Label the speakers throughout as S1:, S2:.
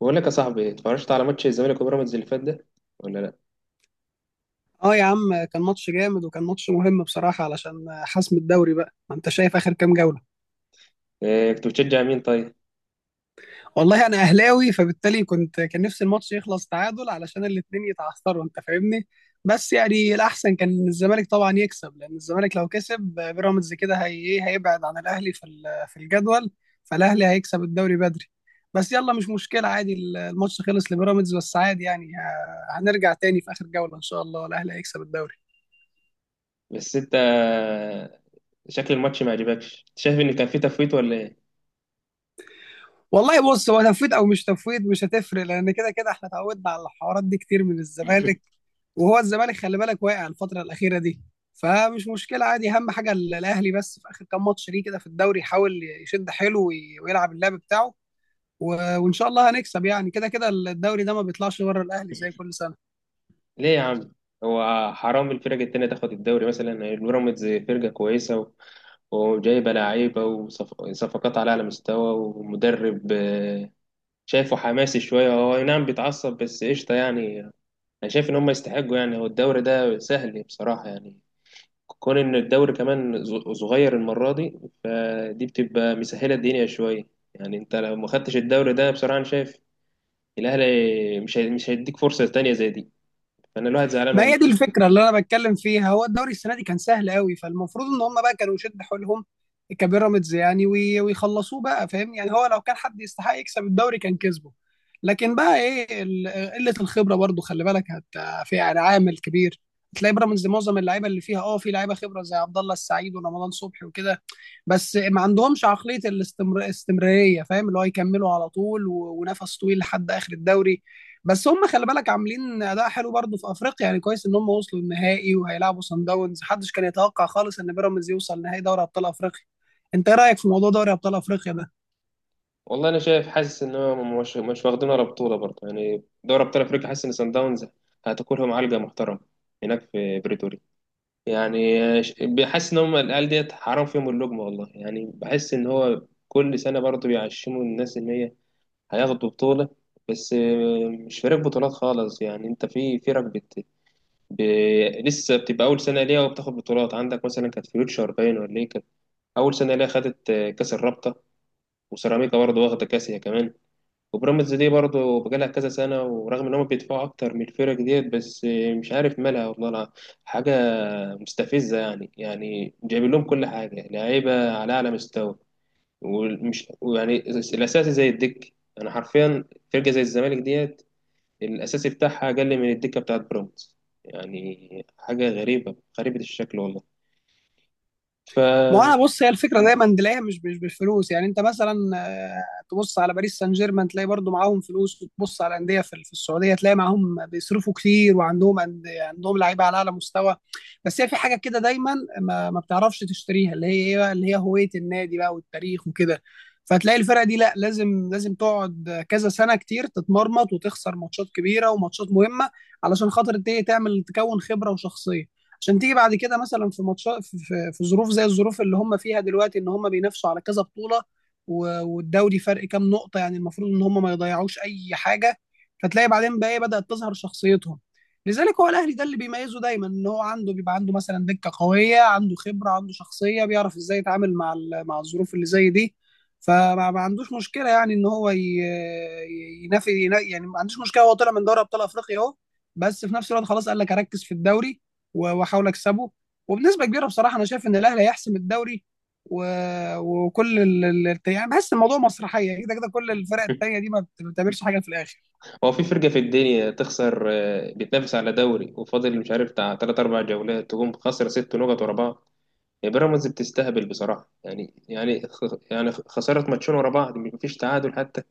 S1: بقول لك يا صاحبي، اتفرجت على ماتش الزمالك وبيراميدز اللي فات ده ولا لا؟
S2: اه يا عم، كان ماتش جامد وكان ماتش مهم بصراحة علشان حسم الدوري. بقى ما انت شايف اخر كام جولة؟
S1: إيه، كنت بتشجع مين طيب؟
S2: والله انا اهلاوي، فبالتالي كان نفسي الماتش يخلص تعادل علشان الاتنين يتعثروا. انت فاهمني؟ بس يعني الاحسن كان إن الزمالك طبعا يكسب، لان الزمالك لو كسب بيراميدز كده هي إيه، هيبعد عن الاهلي في الجدول، فالاهلي هيكسب الدوري بدري. بس يلا مش مشكلة عادي، الماتش خلص لبيراميدز. بس عادي يعني هنرجع تاني في اخر جولة ان شاء الله الاهلي هيكسب الدوري.
S1: بس انت شكل الماتش ما عجبكش؟ انت شايف ان كان في تفويت ولا ايه؟
S2: والله بص، هو تفويض او مش تفويض مش هتفرق، لان كده كده احنا اتعودنا على الحوارات دي كتير من الزمالك. وهو الزمالك خلي بالك واقع الفتره الاخيره دي، فمش مشكله عادي. اهم حاجه الاهلي بس في اخر كام ماتش ليه كده في الدوري يحاول يشد حيله ويلعب اللعب بتاعه، وان شاء الله هنكسب، يعني كده كده الدوري ده ما بيطلعش بره الاهلي زي كل سنه.
S1: ليه يا عم؟ هو حرام الفرق التانية تاخد الدوري؟ مثلا البيراميدز فرقة كويسة وجايبة لعيبة وصفقات على أعلى مستوى ومدرب، شايفه حماسي شوية. هو أي نعم بيتعصب بس قشطة يعني. أنا شايف إن هم يستحقوا يعني، هو الدوري ده سهل بصراحة يعني. كون ان الدوري كمان صغير المره دي، فدي بتبقى مسهله الدنيا شويه. يعني انت لو ما خدتش الدوري ده بصراحه، انا شايف الاهلي مش هيديك فرصه تانية زي دي. فانا الواحد زعلان
S2: ما
S1: والله.
S2: هي دي الفكره اللي انا بتكلم فيها، هو الدوري السنه دي كان سهل قوي، فالمفروض ان هم بقى كانوا يشد حيلهم كبيراميدز يعني ويخلصوه. بقى فاهم يعني، هو لو كان حد يستحق يكسب الدوري كان كسبه. لكن بقى ايه، قله الخبره برضو خلي بالك في يعني عامل كبير. تلاقي بيراميدز معظم اللعيبه اللي فيها في لعيبه خبره زي عبد الله السعيد ورمضان صبحي وكده، بس ما عندهمش عقليه الاستمراريه. فاهم، اللي هو يكملوا على طول ونفس طويل لحد اخر الدوري. بس هم خلي بالك عاملين اداء حلو برضه في افريقيا، يعني كويس ان هم وصلوا النهائي وهيلعبوا سان داونز. محدش كان يتوقع خالص ان بيراميدز يوصل نهائي دوري ابطال افريقيا. انت ايه رايك في موضوع دوري ابطال افريقيا ده؟
S1: والله انا شايف، حاسس ان هو مش واخدين ولا بطوله برضه، يعني دوري ابطال افريقيا حاسس ان سان داونز هتاكلهم علقه محترمه هناك في بريتوريا. يعني، بحس ان هم العيال ديت حرام فيهم اللقمه والله. يعني بحس ان هو كل سنه برضه بيعشموا الناس ان هي هياخد بطولة، بس مش فريق بطولات خالص يعني. انت في فرق ب... لسه بتبقى أول سنة ليها وبتاخد بطولات، عندك مثلا كانت فيوتشر باين، ولا ايه كانت؟ أول سنة ليها خدت، كأس الرابطة. وسيراميكا برضه واخدة كأس هي كمان. وبيراميدز دي برضه بقالها كذا سنة ورغم إن هم بيدفعوا أكتر من الفرق ديت، بس مش عارف مالها والله. حاجة مستفزة يعني، يعني جايبين لهم كل حاجة، لعيبة على أعلى مستوى ومش ويعني الأساسي زي الدك. أنا حرفيا فرقة زي الزمالك ديت الأساسي بتاعها أقل من الدكة بتاعت بيراميدز. يعني حاجة غريبة غريبة الشكل والله. ف
S2: ما هو انا بص، هي الفكره دايما تلاقيها مش بالفلوس. يعني انت مثلا تبص على باريس سان جيرمان تلاقي برضو معاهم فلوس، وتبص على انديه في السعوديه تلاقي معاهم بيصرفوا كتير وعندهم عندهم لعيبه على اعلى مستوى. بس هي في حاجه كده دايما ما بتعرفش تشتريها، اللي هي ايه بقى، اللي هي هويه النادي بقى والتاريخ وكده. فتلاقي الفرقه دي لا، لازم لازم تقعد كذا سنه كتير تتمرمط وتخسر ماتشات كبيره وماتشات مهمه علشان خاطر دي تعمل تكون خبره وشخصيه. عشان تيجي بعد كده مثلا في ماتشات في ظروف زي الظروف اللي هم فيها دلوقتي، ان هم بينافسوا على كذا بطولة، والدوري فرق كام نقطة، يعني المفروض ان هم ما يضيعوش اي حاجة. فتلاقي بعدين بقى ايه، بدأت تظهر شخصيتهم. لذلك هو الاهلي ده اللي بيميزه دايما ان هو عنده، بيبقى عنده مثلا دكة قوية، عنده خبرة، عنده شخصية، بيعرف ازاي يتعامل مع مع الظروف اللي زي دي. فما ما عندوش مشكلة، يعني ان هو يعني ما عندوش مشكلة، هو طلع من دوري ابطال افريقيا اهو. بس في نفس الوقت خلاص قال لك اركز في الدوري واحاول اكسبه. وبنسبه كبيره بصراحه انا شايف ان الاهلي هيحسم الدوري و... وكل يعني بحس الموضوع مسرحيه كده كده، كل الفرق التانيه دي ما بتعملش حاجه في الاخر.
S1: هو في فرقة في الدنيا تخسر، بتنافس على دوري وفاضل مش عارف بتاع تلات أربع جولات، تقوم خسر ست نقط ورا بعض؟ يعني بيراميدز بتستهبل بصراحة يعني. يعني يعني خسارة ماتشين ورا بعض، مفيش تعادل حتى.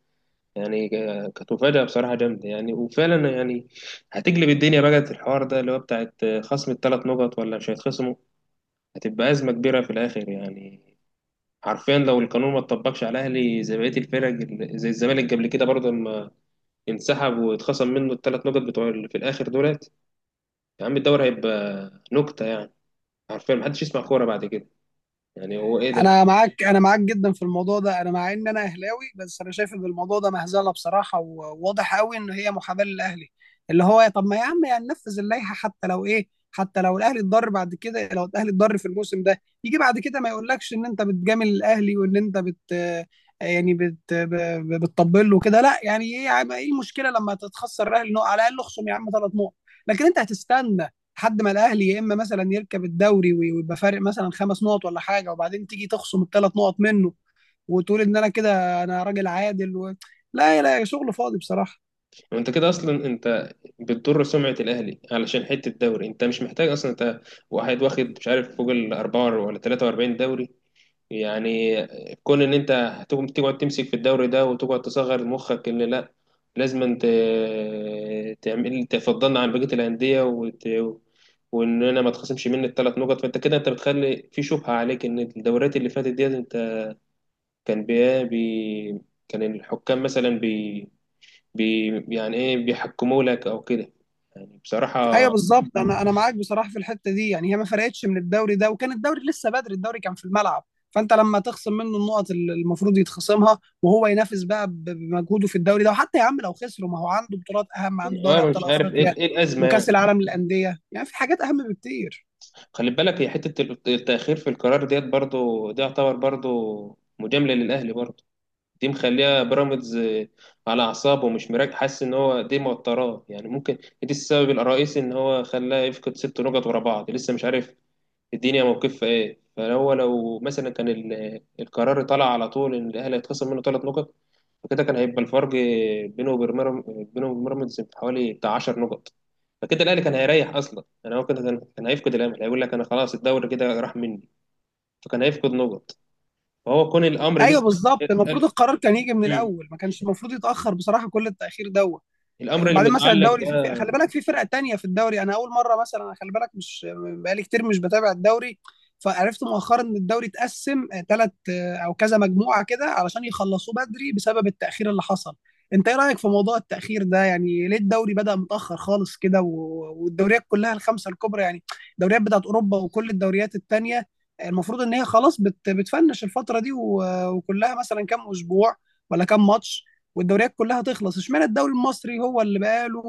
S1: يعني كانت مفاجأة بصراحة جامدة يعني. وفعلا يعني هتقلب الدنيا بقى الحوار ده اللي هو بتاعت، خصم الثلاث نقط ولا مش هيتخصموا. هتبقى أزمة كبيرة في الآخر يعني. حرفيا لو القانون ما اتطبقش على الاهلي زي بقيه الفرق، زي الزمالك قبل كده برضه لما انسحب واتخصم منه الثلاث نقط بتوع اللي في الاخر دولت، يا عم الدوري هيبقى نكته يعني. حرفيا محدش يسمع كوره بعد كده، يعني هو ايه ده؟
S2: انا معاك جدا في الموضوع ده، انا مع ان انا اهلاوي، بس انا شايف ان الموضوع ده مهزله بصراحه وواضح قوي ان هي محاباه للاهلي. اللي هو طب ما يا عم، يعني ننفذ اللائحه حتى لو ايه، حتى لو الاهلي اتضر بعد كده. لو الاهلي اتضر في الموسم ده يجي بعد كده ما يقولكش ان انت بتجامل الاهلي وان انت يعني بتطبل له كده. لا يعني ايه يا عم، ايه المشكله لما تتخسر الاهلي نقط، على الاقل اخصم يا عم ثلاث نقط. لكن انت هتستنى لحد ما الاهلي يا اما مثلا يركب الدوري ويبقى فارق مثلا خمس نقط ولا حاجه، وبعدين تيجي تخصم الثلاث نقط منه وتقول ان انا كده انا راجل عادل لا لا، شغل فاضي بصراحه.
S1: انت كده اصلا انت بتضر سمعه الاهلي علشان حته الدوري. انت مش محتاج اصلا، انت واحد واخد مش عارف فوق ال 4 ولا 43 دوري يعني. كون ان انت هتقوم تقعد تمسك في الدوري ده وتقعد تصغر مخك، ان لا لازم تعمل تفضلنا عن بقية الأندية واننا ما تخصمش مني الثلاث نقط، فانت كده انت بتخلي في شبهة عليك ان الدوريات اللي فاتت ديت انت كان كان الحكام مثلا بي... يعني ايه، بيحكموا لك او كده، يعني بصراحة.
S2: ايوه بالظبط، انا معاك بصراحه في الحته دي. يعني هي ما فرقتش من الدوري ده، وكان الدوري لسه بدري، الدوري كان في الملعب. فانت لما تخصم منه النقط اللي المفروض يتخصمها وهو ينافس بقى بمجهوده في الدوري ده. وحتى يا عم لو خسروا ما هو عنده بطولات اهم، عنده دوري
S1: اه،
S2: ابطال
S1: مش عارف
S2: افريقيا
S1: ايه الأزمة
S2: وكاس
S1: يعني.
S2: العالم للانديه، يعني في حاجات اهم بكتير.
S1: خلي بالك هي حتة التأخير في القرار ديت برضو، دي يعتبر برضو مجاملة للأهلي برضو. دي مخليها بيراميدز، على أعصابه ومش مراك، حاسس إن هو دي موتراه يعني. ممكن دي السبب الرئيسي إن هو خلاه يفقد ست نقط ورا بعض، لسه مش عارف الدنيا موقفها ايه. فهو لو مثلا كان القرار طلع على طول ان الاهلي هيتخصم منه ثلاث نقط، فكده كان هيبقى الفرق بينه وبين بيراميدز حوالي بتاع 10 نقط. فكده الاهلي كان هيريح اصلا، يعني هو كده كان هيفقد الامل، هيقول لك انا خلاص الدوري كده راح مني، فكان هيفقد نقط. فهو كون الامر
S2: ايوه
S1: لسه،
S2: بالظبط، المفروض
S1: ال-
S2: القرار كان يجي من
S1: مم.
S2: الاول، ما كانش المفروض يتاخر بصراحه، كل التاخير دوت.
S1: الامر اللي
S2: وبعدين مثلا
S1: متعلق ده،
S2: الدوري خلي بالك في فرقة تانية في الدوري. انا اول مرة مثلا أنا خلي بالك مش بقالي كتير مش بتابع الدوري، فعرفت مؤخرا ان الدوري اتقسم ثلاث او كذا مجموعة كده علشان يخلصوه بدري بسبب التأخير اللي حصل. انت ايه رأيك في موضوع التأخير ده؟ يعني ليه الدوري بدأ متأخر خالص كده والدوريات كلها الخمسة الكبرى، يعني الدوريات بتاعت اوروبا وكل الدوريات التانية، المفروض ان هي خلاص بتفنش الفترة دي وكلها مثلا كام اسبوع ولا كام ماتش، والدوريات كلها تخلص. اشمعنى الدوري المصري هو اللي بقاله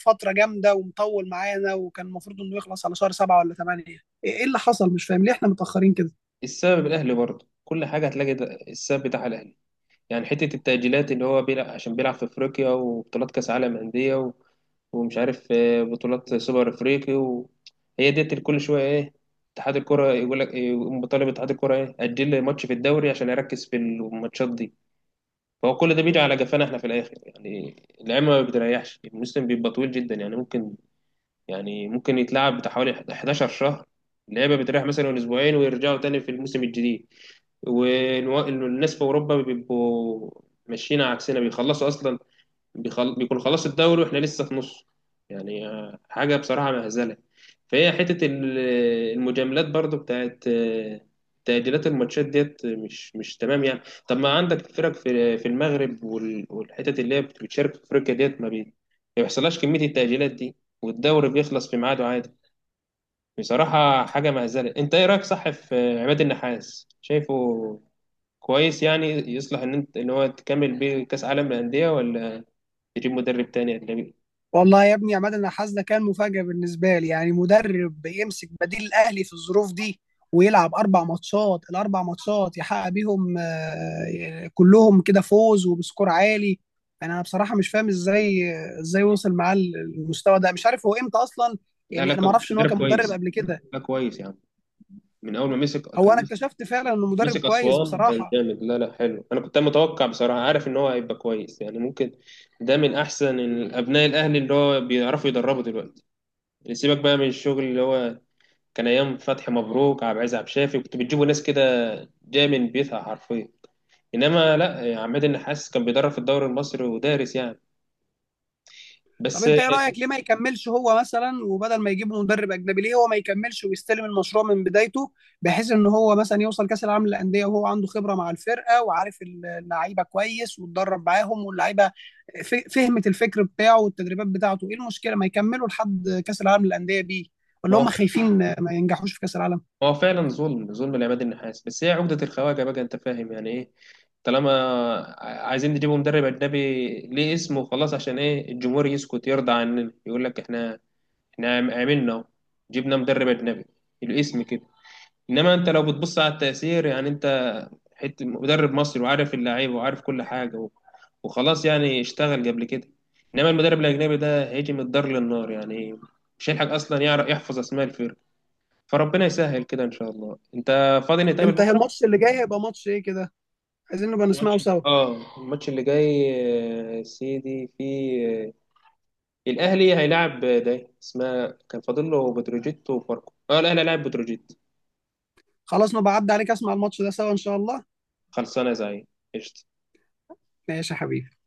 S2: فترة جامدة ومطول معانا، وكان المفروض انه يخلص على شهر 7 ولا 8، ايه؟ إيه اللي حصل؟ مش فاهم ليه احنا متأخرين كده.
S1: السبب الاهلي برضه. كل حاجه هتلاقي ده السبب بتاع الاهلي. يعني حته التاجيلات اللي هو بيلعب عشان بيلعب في افريقيا وبطولات كاس عالم انديه، ومش عارف، بطولات سوبر افريقي، وهي ديت كل شويه ايه، اتحاد الكره يقول لك يقوم بطالب اتحاد الكره ايه، اجل لي ماتش في الدوري عشان اركز في الماتشات دي. فهو كل ده بيجي على جفانا احنا في الاخر يعني. اللعيبه ما بتريحش، الموسم بيبقى طويل جدا. يعني ممكن يتلعب بتاع حوالي 11 شهر. اللعيبه بتريح مثلا اسبوعين ويرجعوا تاني في الموسم الجديد، والناس في اوروبا بيبقوا ماشيين عكسنا، بيخلصوا اصلا. بيكون خلاص الدوري واحنا لسه في نصه. يعني حاجة بصراحة مهزلة. فهي حتة المجاملات برضو بتاعت، تأجيلات الماتشات ديت مش تمام يعني. طب ما عندك فرق في المغرب والحتت اللي هي بتشارك في افريقيا ديت ما ما بيحصلهاش كمية التأجيلات دي، والدوري بيخلص في ميعاده عادي. بصراحة حاجة مهزلة. انت ايه رأيك، صح، في عماد النحاس؟ شايفه كويس يعني، يصلح ان انت ان هو تكمل بيه كأس عالم للأندية، ولا تجيب مدرب تاني أجنبي؟
S2: والله يا ابني يا عماد انا حاسس ده كان مفاجأة بالنسبة لي، يعني مدرب يمسك بديل الاهلي في الظروف دي ويلعب اربع ماتشات، الاربع ماتشات يحقق بيهم كلهم كده فوز وبسكور عالي. يعني انا بصراحة مش فاهم ازاي، وصل معاه المستوى ده. مش عارف هو امتى اصلا.
S1: لا لا،
S2: يعني انا ما
S1: كان
S2: اعرفش ان هو
S1: مدرب
S2: كان مدرب
S1: كويس.
S2: قبل كده،
S1: لا كويس يعني، من اول ما مسك
S2: هو
S1: كان
S2: انا
S1: مسك.
S2: اكتشفت فعلا انه مدرب
S1: مسك
S2: كويس
S1: اسوان كان
S2: بصراحه.
S1: جامد. لا لا حلو، انا كنت متوقع بصراحه، عارف ان هو هيبقى كويس يعني. ممكن ده من احسن ابناء الاهلي اللي هو بيعرفوا يدربوا دلوقتي يعني. سيبك بقى من الشغل اللي هو كان ايام فتحي مبروك، عبد العزيز، عبد الشافي، كنت بتجيبوا ناس كده جايه من بيتها حرفيا. انما لا، عماد النحاس كان بيدرب في الدوري المصري ودارس يعني
S2: طب
S1: بس.
S2: انت ايه رايك ليه ما يكملش هو مثلا، وبدل ما يجيب مدرب اجنبي ليه هو ما يكملش ويستلم المشروع من بدايته، بحيث ان هو مثلا يوصل كاس العالم للانديه وهو عنده خبره مع الفرقه وعارف اللعيبه كويس واتدرب معاهم واللعيبه فهمت الفكر بتاعه والتدريبات بتاعته. ايه المشكله ما يكملوا لحد كاس العالم للانديه بيه؟
S1: ما
S2: ولا هم
S1: هو
S2: خايفين ما ينجحوش في كاس العالم؟
S1: هو فعلا ظلم ظلم لعماد النحاس، بس هي عقدة الخواجة بقى، انت فاهم؟ يعني ايه طالما عايزين نجيبوا مدرب أجنبي ليه اسمه خلاص، عشان ايه؟ الجمهور يسكت يرضى عننا، يقول لك احنا احنا عملنا، جبنا مدرب أجنبي، الاسم كده. انما انت لو بتبص على التأثير، يعني انت حتة مدرب مصري وعارف اللعيبة وعارف كل حاجة وخلاص يعني، اشتغل قبل كده. انما المدرب الأجنبي ده هيجي من الدار للنار يعني، مش هيلحق اصلا يعرف يحفظ اسماء الفرق. فربنا يسهل كده ان شاء الله. انت فاضي نتقابل
S2: انت
S1: بكره؟
S2: الماتش اللي جاي هيبقى ماتش ايه كده؟ عايزين نبقى نسمعه
S1: الماتش
S2: سوا.
S1: اه الماتش اللي جاي، يا سيدي في، الاهلي هيلاعب، ده اسمها كان فاضل له بتروجيت وفاركو. اه، الاهلي هيلاعب بتروجيت.
S2: خلاص نبقى عدى عليك اسمع الماتش ده سوا ان شاء الله.
S1: خلصانه يا زعيم، قشطه.
S2: ماشي يا حبيبي.